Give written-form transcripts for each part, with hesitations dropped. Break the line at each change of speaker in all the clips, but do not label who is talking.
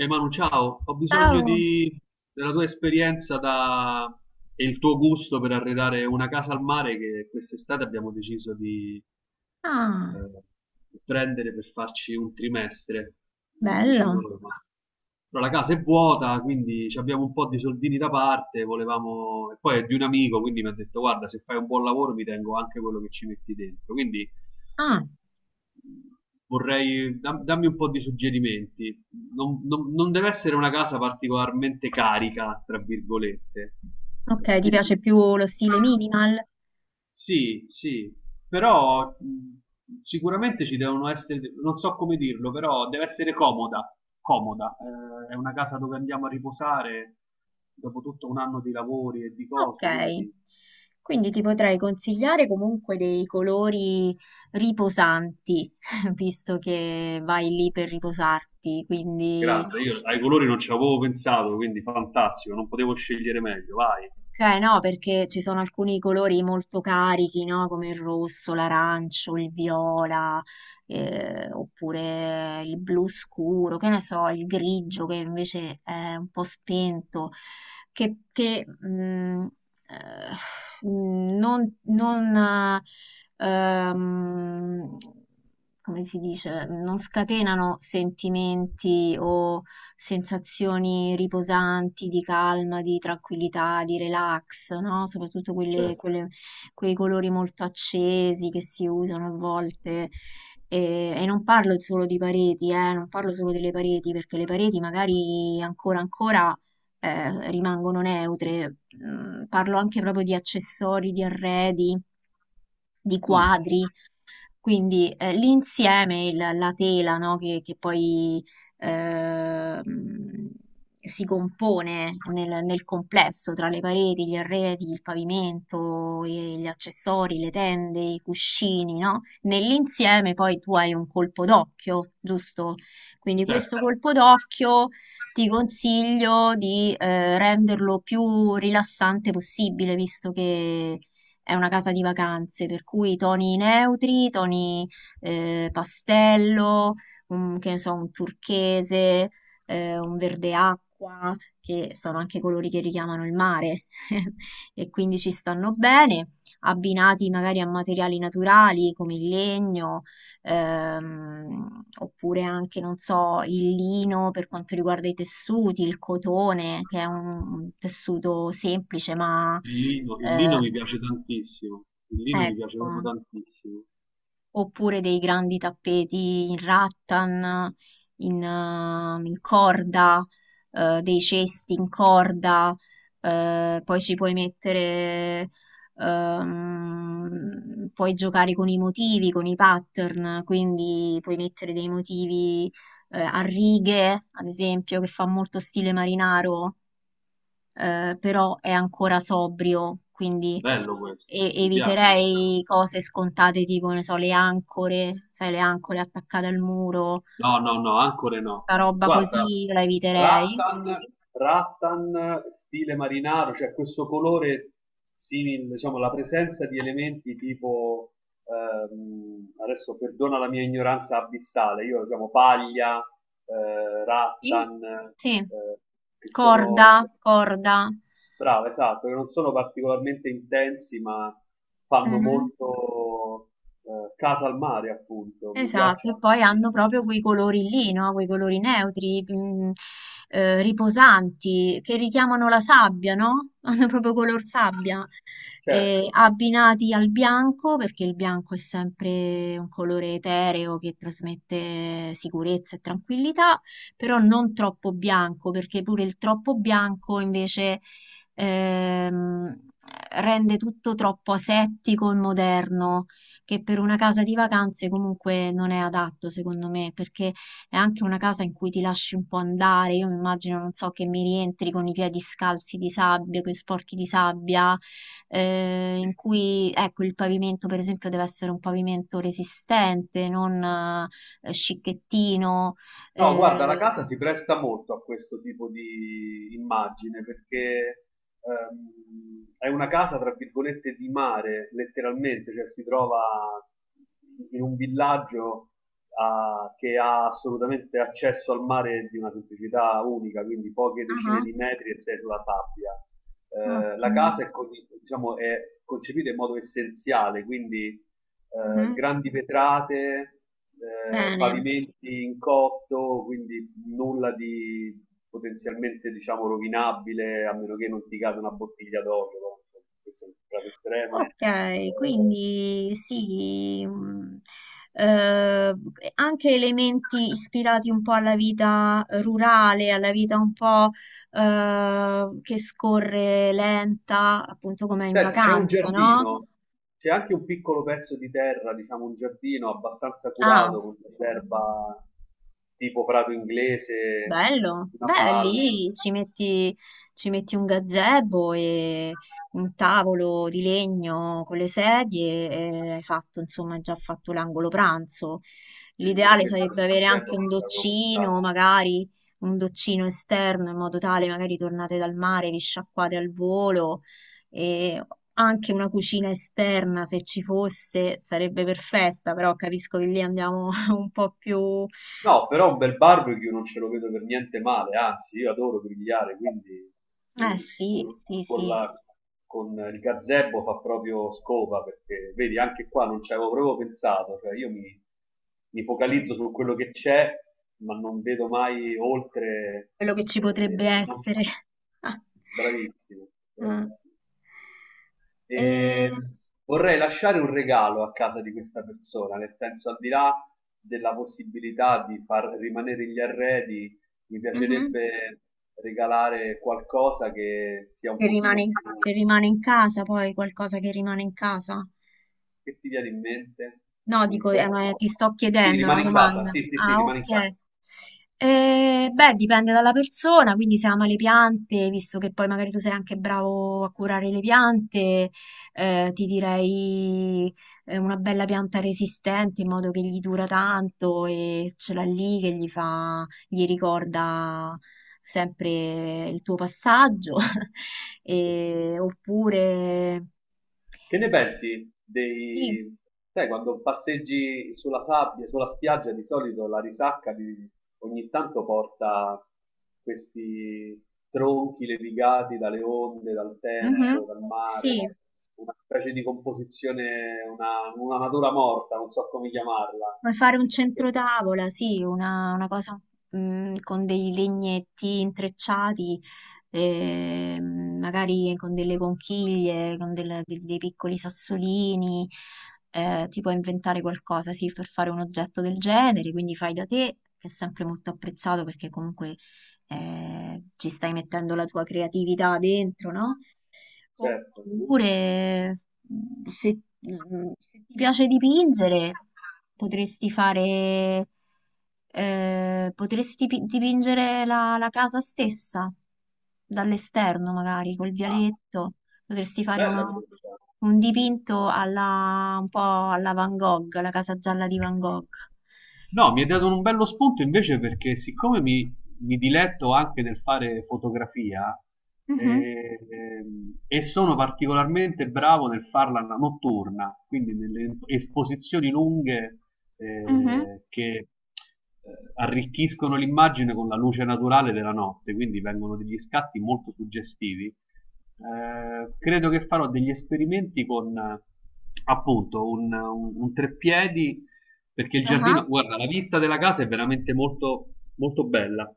Ehi Manu, ciao, ho bisogno
Ciao.
di- della tua esperienza da- e il tuo gusto per arredare una casa al mare che quest'estate abbiamo deciso di
Ah,
eh, prendere per farci un trimestre
bello.
vicino a Roma. Però la casa è vuota, quindi ci abbiamo un po' di soldini da parte, volevamo... e poi è di un amico, quindi mi ha detto guarda, se fai un buon lavoro mi tengo anche quello che ci metti dentro. Quindi
Ah,
vorrei dammi un po' di suggerimenti. Non deve essere una casa particolarmente carica, tra virgolette.
ok, ti piace
Quindi
più lo stile minimal?
sì, sì, però sicuramente ci devono essere, non so come dirlo, però deve essere comoda, comoda. È una casa dove andiamo a riposare dopo tutto un anno di lavori e di
Ok.
cose, quindi
Quindi ti potrei consigliare comunque dei colori riposanti, visto che vai lì per riposarti, quindi
grande. Io ai colori non ci avevo pensato, quindi fantastico, non potevo scegliere meglio, vai.
ok, no, perché ci sono alcuni colori molto carichi, no? Come il rosso, l'arancio, il viola, oppure il blu scuro, che ne so, il grigio che invece è un po' spento, che, mm, mm, non, non, eh, ehm, come si dice, non scatenano sentimenti o sensazioni riposanti, di calma, di tranquillità, di relax, no? Soprattutto
Certo.
quei colori molto accesi che si usano a volte. E non parlo solo di pareti, non parlo solo delle pareti, perché le pareti magari ancora ancora rimangono neutre. Mm, parlo anche proprio di accessori, di arredi, di
Mm.
quadri, quindi l'insieme, la tela, no, che poi ehm, si compone nel complesso tra le pareti, gli arredi, il pavimento, e gli accessori, le tende, i cuscini, no? Nell'insieme poi tu hai un colpo d'occhio, giusto? Quindi questo
Certo,
colpo d'occhio ti consiglio di renderlo più rilassante possibile, visto che è una casa di vacanze, per cui toni neutri, toni pastello, che ne so, un turchese, un verde acqua, che sono anche colori che richiamano il mare e quindi ci stanno bene, abbinati magari a materiali naturali come il legno, oppure anche, non so, il lino per quanto riguarda i tessuti, il cotone, che è un tessuto semplice ma...
il
eh,
lino mi piace tantissimo, il lino mi piace
ecco,
proprio tantissimo.
oppure dei grandi tappeti in rattan, in, in corda, dei cesti in corda, poi ci puoi mettere, puoi giocare con i motivi, con i pattern, quindi puoi mettere dei motivi, a righe, ad esempio, che fa molto stile marinaro, però è ancora sobrio, quindi
Bello questo, mi piace questa cosa.
eviterei cose scontate tipo, ne so, le ancore, sai, le ancore attaccate al muro,
No, no, no, ancora no.
sta roba
Guarda,
così la eviterei.
rattan, rattan, stile marinaro, cioè questo colore simile, diciamo, la presenza di elementi tipo, adesso perdona la mia ignoranza abissale, io diciamo paglia,
Sì,
rattan,
sì,
che sono...
corda, corda.
Brava, esatto, che non sono particolarmente intensi, ma fanno
Mhm.
molto casa al mare, appunto. Mi
Esatto, e
piacciono
poi hanno
tantissimo.
proprio quei colori lì, no? Quei colori neutri, riposanti, che richiamano la sabbia, no? Hanno proprio color sabbia. E
Certo.
abbinati al bianco, perché il bianco è sempre un colore etereo che trasmette sicurezza e tranquillità, però non troppo bianco, perché pure il troppo bianco invece ehm, rende tutto troppo asettico e moderno, che per una casa di vacanze comunque non è adatto, secondo me, perché è anche una casa in cui ti lasci un po' andare. Io mi immagino, non so, che mi rientri con i piedi scalzi di sabbia, con sporchi di sabbia,
Sì.
in cui, ecco, il pavimento, per esempio, deve essere un pavimento resistente, non scicchettino.
No, guarda, la
Eh.
casa si presta molto a questo tipo di immagine perché è una casa, tra virgolette, di mare, letteralmente, cioè si trova in un villaggio che ha assolutamente accesso al mare di una semplicità unica, quindi poche decine
Ah,
di metri e sei sulla sabbia. La
ottimo.
casa è, diciamo, è concepita in modo essenziale, quindi
Mhm.
grandi vetrate,
Bene.
pavimenti in cotto, quindi nulla di potenzialmente, diciamo, rovinabile, a meno che non ti cade una bottiglia d'olio, no? Questo è un caso estremo.
Ok,
Eh,
quindi sì, eh, anche elementi ispirati un po' alla vita rurale, alla vita un po' che scorre lenta, appunto come in
Senti, c'è un
vacanza, no?
giardino, c'è anche un piccolo pezzo di terra, diciamo un giardino abbastanza
Ah.
curato con dell'erba tipo prato inglese,
Bello,
una
beh,
palma.
lì ci metti un gazebo e un tavolo di legno con le sedie e hai fatto, insomma, hai già fatto l'angolo pranzo.
Vedi, pure
L'ideale
questa
sarebbe
del
avere
l'erba
anche
non
un
ce l'avevo
doccino,
comprata.
magari un doccino esterno, in modo tale magari tornate dal mare, vi sciacquate al volo e anche una cucina esterna, se ci fosse, sarebbe perfetta, però capisco che lì andiamo un po' più...
No, però un bel barbecue non ce lo vedo per niente male, anzi, io adoro grigliare, quindi
Eh
sì,
sì,
col-
sì,
con,
sì.
la- con il gazebo fa proprio scopa, perché vedi, anche qua non ci avevo proprio pensato, cioè mi
Mm,
focalizzo su quello che c'è, ma non vedo mai oltre,
quello che ci
e,
potrebbe
e- e non-
essere. Ah,
bravissimo,
ah.
bravissimo.
E...
E vorrei lasciare un regalo a casa di questa persona, nel senso, al di là della possibilità di far rimanere gli arredi, mi
Mhm.
piacerebbe regalare qualcosa che sia un pochino più...
Che rimane in casa, poi qualcosa che rimane in casa.
Che ti viene in mente?
No,
Un
dico, ma ti
soprannome?
sto
Sì,
chiedendo una
rimane in casa,
domanda.
sì, sì, sì,
Ah,
rimane in casa.
ok. Beh, dipende dalla persona, quindi se ama le piante, visto che poi magari tu sei anche bravo a curare le piante, ti direi una bella pianta resistente in modo che gli dura tanto e ce l'ha lì che gli fa, gli ricorda sempre il tuo passaggio. E- oppure...
Che ne pensi
Sì,
dei... Sai, quando passeggi sulla sabbia, sulla spiaggia, di solito la risacca di- ogni tanto porta questi tronchi levigati dalle onde, dal
mhm,
tempo, dal
sì.
mare, una specie di composizione, una natura morta, non so come chiamarla.
Puoi fare un centrotavola, sì, una cosa con dei legnetti intrecciati, magari con delle conchiglie, con dei piccoli sassolini, ti puoi inventare qualcosa, sì, per fare un oggetto del genere, quindi fai da te, che è sempre molto apprezzato perché comunque ci stai mettendo la tua creatività dentro, no?
Certo.
Oppure, se, se ti piace dipingere, potresti fare, potresti dipingere la casa stessa, dall'esterno magari, col
Ah,
vialetto. Potresti fare
bella questa.
un dipinto alla, un po' alla Van Gogh, la casa gialla di Van Gogh.
No, mi hai dato un bello spunto invece perché mi diletto anche nel fare fotografia,
Mhm,
eh, e sono particolarmente bravo nel farla notturna, quindi nelle esposizioni lunghe
mhm,
che arricchiscono l'immagine con la luce naturale della notte, quindi vengono degli scatti molto suggestivi. Credo che farò degli esperimenti con appunto un treppiedi perché il
aha.
giardino, guarda, la vista della casa è veramente molto, molto bella.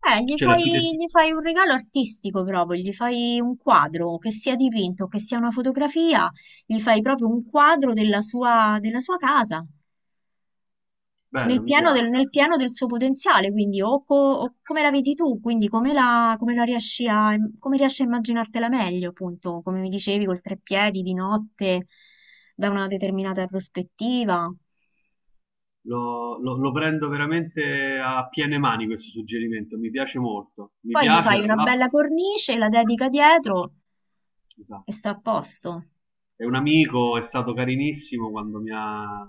Cioè l'architettura,
Gli fai un regalo artistico proprio, gli fai un quadro, che sia dipinto, che sia una fotografia, gli fai proprio un quadro della sua casa,
bello, mi piace.
nel pieno del suo potenziale, quindi o, o come la vedi tu, quindi come la, come la riesci a, come riesci a immaginartela meglio, appunto, come mi dicevi, col treppiedi di notte, da una determinata prospettiva.
Lo prendo veramente a piene mani questo suggerimento, mi piace molto. Mi
Poi gli
piace,
fai
tra
una bella
l'altro.
cornice, la dedica dietro e
Esatto.
sta a posto.
È un amico, è stato carinissimo quando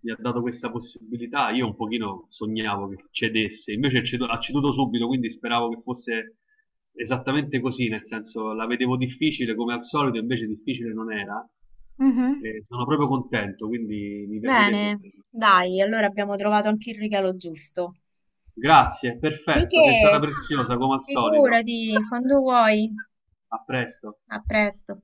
mi ha dato questa possibilità. Io un pochino sognavo che cedesse, invece ha ceduto subito, quindi speravo che fosse esattamente così, nel senso la vedevo difficile come al solito, invece difficile non era.
Mhm.
E sono proprio contento, quindi mi piacerebbe
Bene,
fare questa cosa.
dai, allora abbiamo trovato anche il regalo giusto.
Grazie,
Di
perfetto, sei stata
che?
preziosa come al solito.
Figurati, quando vuoi.
A presto.
A presto.